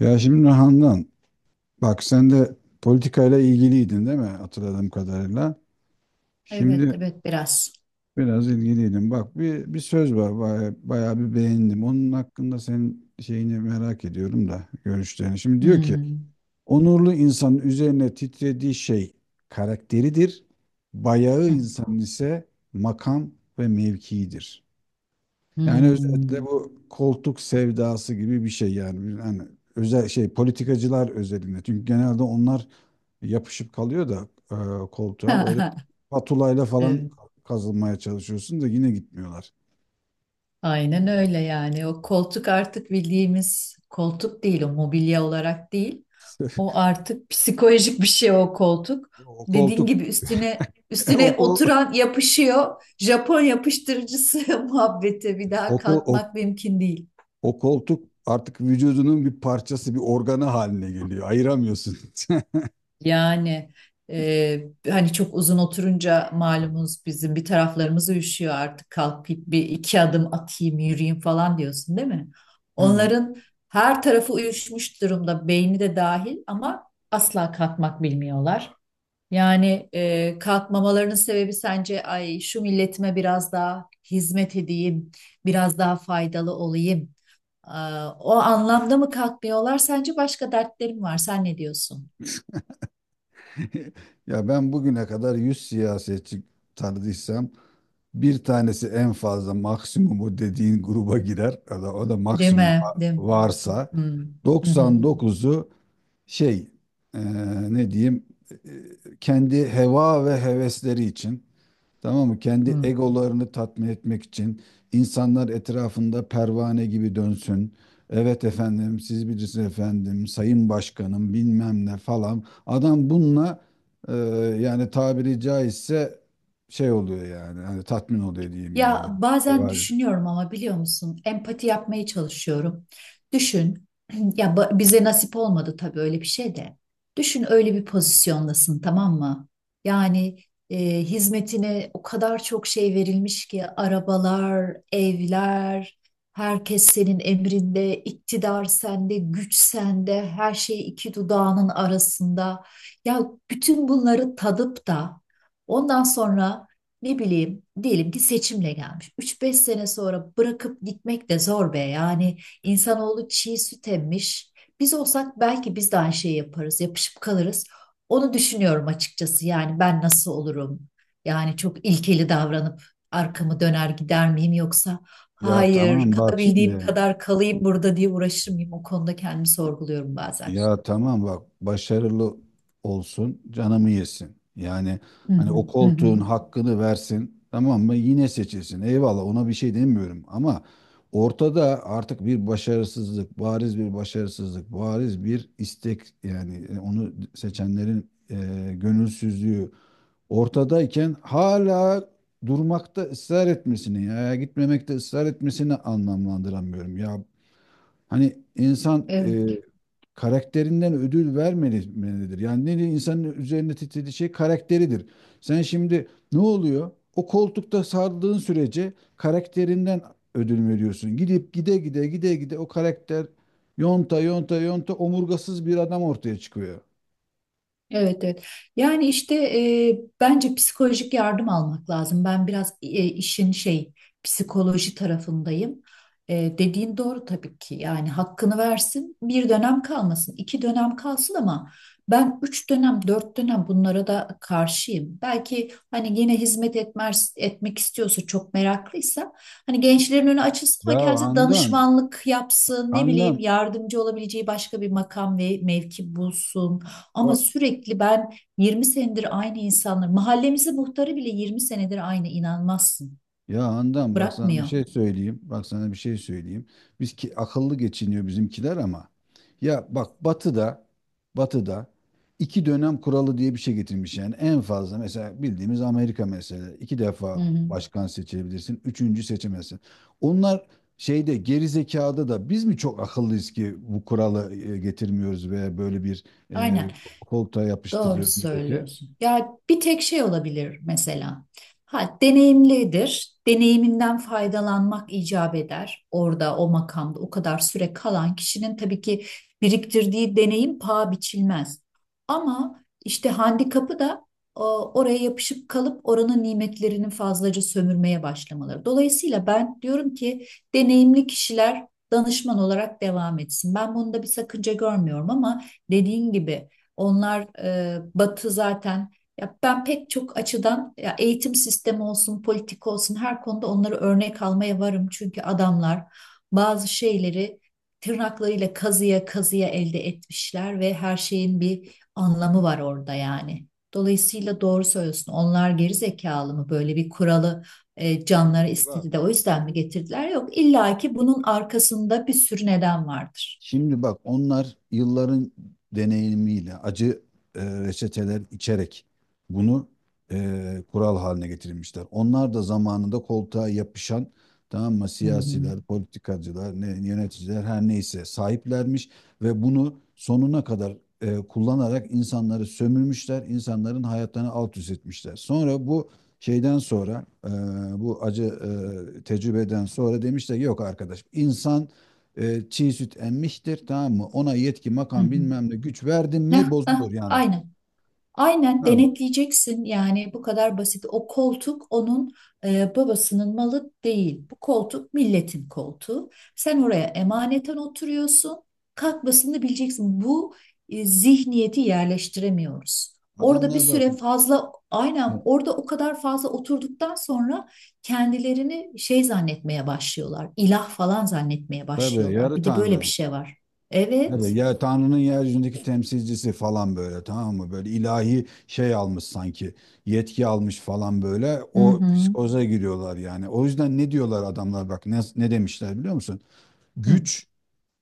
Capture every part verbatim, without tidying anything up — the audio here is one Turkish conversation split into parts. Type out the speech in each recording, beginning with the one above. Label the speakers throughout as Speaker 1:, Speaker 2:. Speaker 1: Ya şimdi Handan, bak sen de politikayla ilgiliydin değil mi hatırladığım kadarıyla? Şimdi
Speaker 2: Evet, evet biraz.
Speaker 1: biraz ilgiliydin. Bak bir, bir söz var bayağı, bayağı bir beğendim. Onun hakkında senin şeyini merak ediyorum da görüşlerini. Şimdi diyor ki
Speaker 2: Hmm.
Speaker 1: onurlu insanın üzerine titrediği şey karakteridir. Bayağı
Speaker 2: Hı.
Speaker 1: insanın ise makam ve mevkiidir. Yani özetle
Speaker 2: Hmm.
Speaker 1: bu koltuk sevdası gibi bir şey yani. Bir- Yani özel şey politikacılar özelinde. Çünkü genelde onlar yapışıp kalıyor da e, koltuğa böyle patulayla falan
Speaker 2: Evet.
Speaker 1: kazılmaya çalışıyorsun da yine gitmiyorlar.
Speaker 2: Aynen öyle yani. O koltuk artık bildiğimiz koltuk değil, o mobilya olarak değil. O artık psikolojik bir şey o koltuk.
Speaker 1: O
Speaker 2: Dediğin
Speaker 1: koltuk
Speaker 2: gibi üstüne
Speaker 1: o,
Speaker 2: üstüne
Speaker 1: kol-
Speaker 2: oturan yapışıyor. Japon yapıştırıcısı muhabbete bir daha
Speaker 1: o, kol- o,
Speaker 2: kalkmak mümkün değil.
Speaker 1: o koltuk artık vücudunun bir parçası, bir organı haline geliyor. Ayıramıyorsun.
Speaker 2: Yani e, Hani çok uzun oturunca malumunuz bizim bir taraflarımız üşüyor artık kalkıp bir iki adım atayım yürüyeyim falan diyorsun değil mi?
Speaker 1: Ha.
Speaker 2: Onların her tarafı uyuşmuş durumda beyni de dahil ama asla kalkmak bilmiyorlar. Yani e, kalkmamalarının sebebi sence ay şu milletime biraz daha hizmet edeyim, biraz daha faydalı olayım. Aa, o anlamda mı kalkmıyorlar? Sence başka dertlerim var. Sen ne diyorsun?
Speaker 1: Ya ben bugüne kadar yüz siyasetçi tanıdıysam, bir tanesi en fazla maksimumu dediğin gruba girer. O da, o da
Speaker 2: Değil
Speaker 1: maksimum
Speaker 2: mi?
Speaker 1: var-
Speaker 2: Değil mi?
Speaker 1: varsa,
Speaker 2: Hı hı. Hı hı.
Speaker 1: doksan dokuzu şey e, ne diyeyim, e, kendi heva ve hevesleri için. Tamam mı? Kendi
Speaker 2: Hı.
Speaker 1: egolarını tatmin etmek için insanlar etrafında pervane gibi dönsün. Evet efendim, siz bilirsiniz efendim, sayın başkanım bilmem ne falan. Adam bununla e, yani tabiri caizse şey oluyor yani. Hani tatmin oluyor diyeyim
Speaker 2: Ya
Speaker 1: yani.
Speaker 2: bazen
Speaker 1: Var.
Speaker 2: düşünüyorum ama biliyor musun? Empati yapmaya çalışıyorum. Düşün, ya ba- bize nasip olmadı tabii öyle bir şey de. Düşün öyle bir pozisyondasın tamam mı? Yani e, Hizmetine o kadar çok şey verilmiş ki arabalar, evler, herkes senin emrinde, iktidar sende, güç sende, her şey iki dudağının arasında. Ya bütün bunları tadıp da ondan sonra ne bileyim diyelim ki seçimle gelmiş. üç beş sene sonra bırakıp gitmek de zor be. Yani insanoğlu çiğ süt emmiş. Biz olsak belki biz de aynı şeyi yaparız, yapışıp kalırız. Onu düşünüyorum açıkçası. Yani ben nasıl olurum? Yani çok ilkeli davranıp arkamı döner gider miyim yoksa
Speaker 1: Ya
Speaker 2: hayır
Speaker 1: tamam bak
Speaker 2: kalabildiğim
Speaker 1: şimdi.
Speaker 2: kadar kalayım burada diye uğraşır mıyım? O konuda kendimi sorguluyorum bazen.
Speaker 1: Ya tamam bak, başarılı olsun canımı yesin. Yani
Speaker 2: Hı
Speaker 1: hani o
Speaker 2: hı, hı hı.
Speaker 1: koltuğun hakkını versin, tamam mı, yine seçilsin. Eyvallah, ona bir şey demiyorum ama ortada artık bir başarısızlık, bariz bir başarısızlık, bariz bir istek yani, e, onu seçenlerin e, gönülsüzlüğü ortadayken hala durmakta ısrar etmesini ya gitmemekte ısrar etmesini anlamlandıramıyorum. Ya hani insan e,
Speaker 2: Evet.
Speaker 1: karakterinden ödül vermelidir. Yani ne diyeyim, insanın üzerine titrediği şey karakteridir. Sen şimdi ne oluyor? O koltukta sardığın sürece karakterinden ödül veriyorsun. Gidip gide gide gide gide o karakter yonta yonta yonta omurgasız bir adam ortaya çıkıyor.
Speaker 2: Evet, evet. Yani işte e, bence psikolojik yardım almak lazım. Ben biraz e, işin şey psikoloji tarafındayım. E, dediğin doğru tabii ki. Yani hakkını versin. Bir dönem kalmasın, iki dönem kalsın ama ben üç dönem, dört dönem bunlara da karşıyım. Belki hani yine hizmet etmez, etmek istiyorsa çok meraklıysa hani gençlerin önü açılsın ama
Speaker 1: Ya
Speaker 2: kendisi
Speaker 1: Handan,
Speaker 2: danışmanlık yapsın, ne
Speaker 1: Handan
Speaker 2: bileyim yardımcı olabileceği başka bir makam ve mevki bulsun. Ama
Speaker 1: bak
Speaker 2: sürekli ben yirmi senedir aynı insanlar, mahallemizin muhtarı bile yirmi senedir aynı inanmazsın.
Speaker 1: Ya Handan, bak sana bir
Speaker 2: Bırakmıyor.
Speaker 1: şey söyleyeyim. Bak sana bir şey söyleyeyim. Biz ki akıllı geçiniyor bizimkiler ama. Ya bak, Batı'da Batı'da iki dönem kuralı diye bir şey getirmiş yani. En fazla mesela, bildiğimiz Amerika mesela, iki
Speaker 2: Hı
Speaker 1: defa
Speaker 2: hı.
Speaker 1: başkan seçebilirsin. Üçüncü seçemezsin. Onlar şeyde, geri zekada da biz mi çok akıllıyız ki bu kuralı e, getirmiyoruz veya böyle bir
Speaker 2: Aynen.
Speaker 1: e, koltuğa
Speaker 2: Doğru
Speaker 1: yapıştırıyoruz milleti?
Speaker 2: söylüyorsun. Ya bir tek şey olabilir mesela. Ha, deneyimlidir. Deneyiminden faydalanmak icap eder. Orada o makamda o kadar süre kalan kişinin tabii ki biriktirdiği deneyim paha biçilmez. Ama işte handikapı da o, oraya yapışıp kalıp oranın nimetlerini fazlaca sömürmeye başlamaları. Dolayısıyla ben diyorum ki deneyimli kişiler danışman olarak devam etsin. Ben bunda bir sakınca görmüyorum ama dediğin gibi onlar e, Batı zaten. Ya ben pek çok açıdan ya eğitim sistemi olsun, politika olsun her konuda onları örnek almaya varım. Çünkü adamlar bazı şeyleri tırnaklarıyla kazıya kazıya elde etmişler ve her şeyin bir anlamı var orada yani. Dolayısıyla doğru söylüyorsun. Onlar geri zekalı mı böyle bir kuralı e, canları
Speaker 1: Çünkü bak.
Speaker 2: istedi de o yüzden mi getirdiler? Yok, illa ki bunun arkasında bir sürü neden vardır.
Speaker 1: Şimdi bak Onlar yılların deneyimiyle acı e, reçeteler içerek bunu e, kural haline getirmişler. Onlar da zamanında koltuğa yapışan, tamam mı,
Speaker 2: Hı hı.
Speaker 1: siyasiler, politikacılar, ne, yöneticiler her neyse sahiplermiş ve bunu sonuna kadar e, kullanarak insanları sömürmüşler, insanların hayatlarını alt üst etmişler. Sonra bu şeyden sonra e, bu acı e, tecrübeden sonra demişler ki, yok arkadaş, insan e, çiğ süt emmiştir, tamam mı? Ona yetki,
Speaker 2: Hı
Speaker 1: makam,
Speaker 2: hı.
Speaker 1: bilmem ne, güç verdin
Speaker 2: Heh,
Speaker 1: mi
Speaker 2: heh,
Speaker 1: bozulur yani.
Speaker 2: aynen. Aynen
Speaker 1: Tamam mı?
Speaker 2: denetleyeceksin yani bu kadar basit. O koltuk onun e, babasının malı değil. Bu koltuk milletin koltuğu. Sen oraya emaneten oturuyorsun. Kalkmasını bileceksin. Bu e, zihniyeti yerleştiremiyoruz. Orada bir
Speaker 1: Adamlar
Speaker 2: süre
Speaker 1: bakın.
Speaker 2: fazla aynen
Speaker 1: E,
Speaker 2: orada o kadar fazla oturduktan sonra kendilerini şey zannetmeye başlıyorlar. İlah falan zannetmeye
Speaker 1: tabii
Speaker 2: başlıyorlar.
Speaker 1: yarı
Speaker 2: Bir de böyle bir
Speaker 1: tanrı.
Speaker 2: şey var.
Speaker 1: Tabii
Speaker 2: Evet.
Speaker 1: ya, Tanrı'nın yeryüzündeki temsilcisi falan böyle, tamam mı? Böyle ilahi şey almış sanki. Yetki almış falan böyle.
Speaker 2: Hı
Speaker 1: O
Speaker 2: hı.
Speaker 1: psikoza giriyorlar yani. O yüzden ne diyorlar adamlar, bak, ne, ne demişler biliyor musun?
Speaker 2: Hı.
Speaker 1: Güç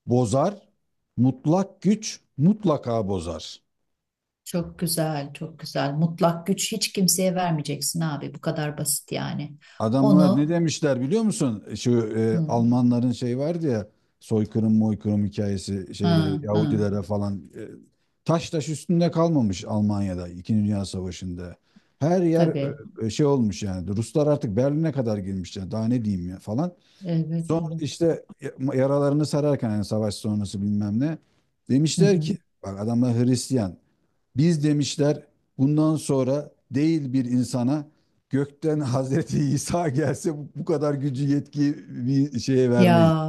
Speaker 1: bozar. Mutlak güç mutlaka bozar.
Speaker 2: Çok güzel, çok güzel. Mutlak güç hiç kimseye vermeyeceksin abi. Bu kadar basit yani.
Speaker 1: Adamlar ne
Speaker 2: Onu
Speaker 1: demişler biliyor musun? Şu e,
Speaker 2: hı,
Speaker 1: Almanların şey vardı ya, soykırım moykırım hikayesi,
Speaker 2: hı,
Speaker 1: şeyde
Speaker 2: hı,
Speaker 1: Yahudilere falan e, taş taş üstünde kalmamış Almanya'da İkinci Dünya Savaşı'nda. Her yer
Speaker 2: tabii.
Speaker 1: e, e, şey olmuş yani, Ruslar artık Berlin'e kadar girmişler, daha ne diyeyim ya falan.
Speaker 2: Evet,
Speaker 1: Sonra
Speaker 2: evet.
Speaker 1: işte yaralarını sararken, yani savaş sonrası bilmem ne,
Speaker 2: Hı
Speaker 1: demişler
Speaker 2: hı.
Speaker 1: ki, bak adamlar Hristiyan, biz demişler bundan sonra değil bir insana, gökten Hazreti İsa gelse bu bu kadar gücü, yetki, bir şeye vermeyiz.
Speaker 2: Ya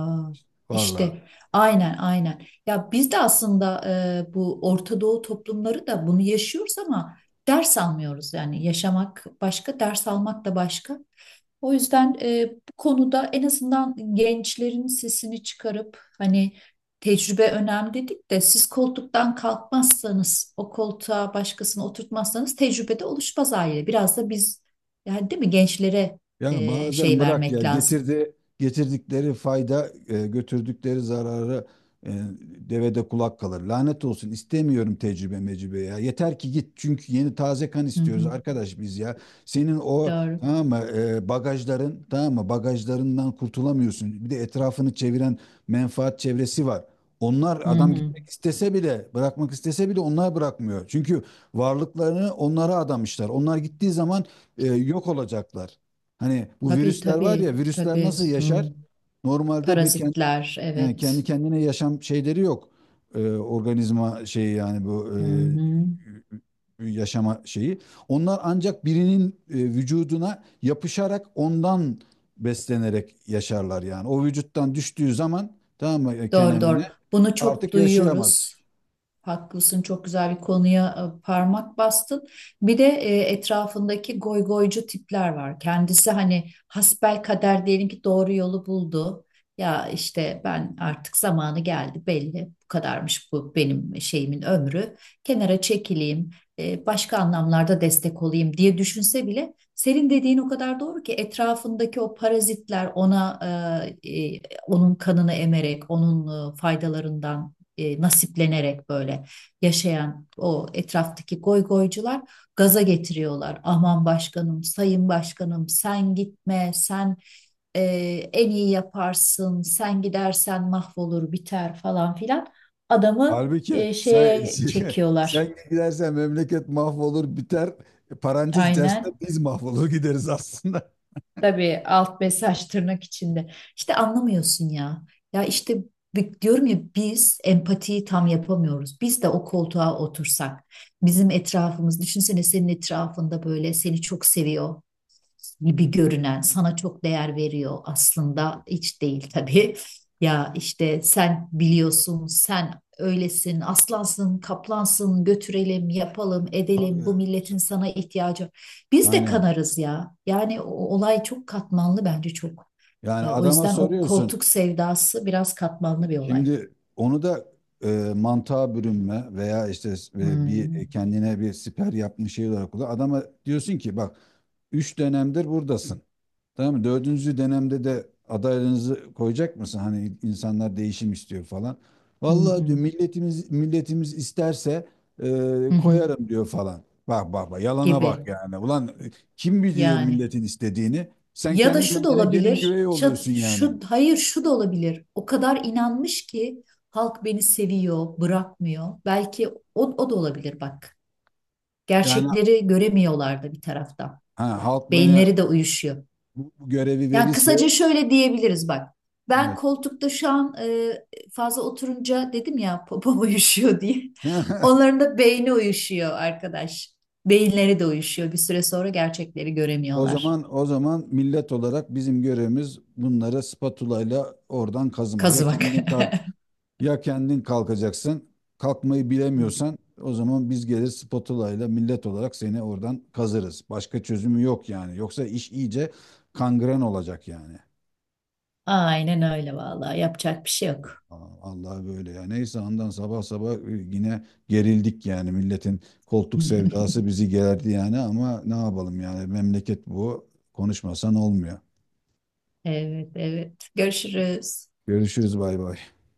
Speaker 1: Vallahi.
Speaker 2: işte aynen aynen. Ya biz de aslında e, bu Orta Doğu toplumları da bunu yaşıyoruz ama ders almıyoruz yani. Yaşamak başka, ders almak da başka. O yüzden e, bu konuda en azından gençlerin sesini çıkarıp hani tecrübe önemli dedik de siz koltuktan kalkmazsanız o koltuğa başkasını oturtmazsanız tecrübe de oluşmaz aile. Biraz da biz yani değil mi gençlere
Speaker 1: Ya
Speaker 2: e,
Speaker 1: bazen
Speaker 2: şey
Speaker 1: bırak ya,
Speaker 2: vermek lazım.
Speaker 1: getirdi getirdikleri fayda, e, götürdükleri zararı e, devede kulak kalır. Lanet olsun, istemiyorum tecrübe mecrübe ya. Yeter ki git, çünkü yeni taze kan
Speaker 2: Hı
Speaker 1: istiyoruz
Speaker 2: hı,
Speaker 1: arkadaş biz ya. Senin o,
Speaker 2: doğru.
Speaker 1: tamam mı, e, bagajların, tamam mı, bagajlarından kurtulamıyorsun. Bir de etrafını çeviren menfaat çevresi var. Onlar,
Speaker 2: Hı
Speaker 1: adam
Speaker 2: hı.
Speaker 1: gitmek istese bile, bırakmak istese bile onlar bırakmıyor. Çünkü varlıklarını onlara adamışlar. Onlar gittiği zaman e, yok olacaklar. Hani bu
Speaker 2: Tabii
Speaker 1: virüsler var ya,
Speaker 2: tabii
Speaker 1: virüsler
Speaker 2: tabii.
Speaker 1: nasıl
Speaker 2: Hı.
Speaker 1: yaşar? Normalde bir kendi,
Speaker 2: Parazitler
Speaker 1: kendi
Speaker 2: evet.
Speaker 1: kendine yaşam şeyleri yok. Ee, organizma şeyi yani, bu
Speaker 2: Hı hı.
Speaker 1: e, yaşama şeyi. Onlar ancak birinin e, vücuduna yapışarak ondan beslenerek yaşarlar yani. O vücuttan düştüğü zaman, tamam mı, e,
Speaker 2: Doğru
Speaker 1: kenemine
Speaker 2: doğru. Bunu çok
Speaker 1: artık yaşayamaz.
Speaker 2: duyuyoruz. Haklısın, çok güzel bir konuya e, parmak bastın. Bir de e, etrafındaki goygoycu tipler var. Kendisi hani hasbelkader diyelim ki doğru yolu buldu. Ya işte ben artık zamanı geldi belli. Bu kadarmış bu benim şeyimin ömrü. Kenara çekileyim, e, başka anlamlarda destek olayım diye düşünse bile senin dediğin o kadar doğru ki etrafındaki o parazitler ona e, e, onun kanını emerek onun e, faydalarından e, nasiplenerek böyle yaşayan o etraftaki goygoycular gaza getiriyorlar. Aman başkanım, sayın başkanım sen gitme, sen e, en iyi yaparsın, sen gidersen mahvolur biter falan filan. Adamı
Speaker 1: Halbuki
Speaker 2: e,
Speaker 1: sen
Speaker 2: şeye çekiyorlar
Speaker 1: sen gidersen memleket mahvolur biter. Parantez içerisinde
Speaker 2: aynen.
Speaker 1: biz mahvolur gideriz aslında.
Speaker 2: Tabii alt mesaj tırnak içinde. İşte anlamıyorsun ya. Ya işte bi- diyorum ya biz empatiyi tam yapamıyoruz. Biz de o koltuğa otursak, bizim etrafımız, düşünsene senin etrafında böyle seni çok seviyor gibi görünen sana çok değer veriyor aslında hiç değil tabii. Ya işte sen biliyorsun, sen öylesin, aslansın, kaplansın, götürelim, yapalım, edelim.
Speaker 1: Tabii.
Speaker 2: Bu milletin sana ihtiyacı. Biz de
Speaker 1: Aynen.
Speaker 2: kanarız ya. Yani o olay çok katmanlı bence çok.
Speaker 1: Yani
Speaker 2: E, O
Speaker 1: adama
Speaker 2: yüzden o
Speaker 1: soruyorsun.
Speaker 2: koltuk sevdası biraz katmanlı bir olay.
Speaker 1: Şimdi onu da e, mantığa bürünme veya işte e, bir e,
Speaker 2: Hmm.
Speaker 1: kendine bir siper yapmış şey olarak kullan. Adama diyorsun ki bak, üç dönemdir buradasın. Tamam mı? Dördüncü dönemde de adaylarınızı koyacak mısın? Hani insanlar değişim istiyor falan.
Speaker 2: Hı
Speaker 1: Vallahi diyor,
Speaker 2: hı.
Speaker 1: milletimiz milletimiz isterse e,
Speaker 2: Hı hı.
Speaker 1: koyarım diyor falan. Bak bak bak yalana bak
Speaker 2: Gibi
Speaker 1: yani. Ulan kim biliyor
Speaker 2: yani.
Speaker 1: milletin istediğini? Sen
Speaker 2: Ya da
Speaker 1: kendi
Speaker 2: şu da
Speaker 1: kendine gelin
Speaker 2: olabilir.
Speaker 1: güvey
Speaker 2: Şu,
Speaker 1: oluyorsun yani.
Speaker 2: şu hayır şu da olabilir. O kadar inanmış ki halk beni seviyor, bırakmıyor. Belki o, o da olabilir bak.
Speaker 1: Yani
Speaker 2: Gerçekleri göremiyorlar da bir taraftan.
Speaker 1: ha, halk bana
Speaker 2: Beyinleri de uyuşuyor.
Speaker 1: bu bu görevi
Speaker 2: Yani
Speaker 1: verirse,
Speaker 2: kısaca şöyle diyebiliriz bak. Ben
Speaker 1: evet.
Speaker 2: koltukta şu an e, fazla oturunca dedim ya popom uyuşuyor diye. Onların da beyni uyuşuyor arkadaş. Beyinleri de uyuşuyor. Bir süre sonra gerçekleri
Speaker 1: O
Speaker 2: göremiyorlar.
Speaker 1: zaman o zaman millet olarak bizim görevimiz bunları spatula ile oradan kazımak. Ya
Speaker 2: Kazımak.
Speaker 1: kendin kaz Ya kendin kalkacaksın. Kalkmayı bilemiyorsan, o zaman biz gelir spatula ile millet olarak seni oradan kazırız. Başka çözümü yok yani. Yoksa iş iyice kangren olacak yani.
Speaker 2: Aynen öyle vallahi yapacak bir şey yok.
Speaker 1: Aa, Allah böyle ya. Neyse, andan sabah sabah e, yine gerildik yani. Milletin koltuk sevdası bizi gerdi yani ama ne yapalım yani, memleket bu. Konuşmasan olmuyor.
Speaker 2: Evet, evet. Görüşürüz.
Speaker 1: Görüşürüz, bay bay.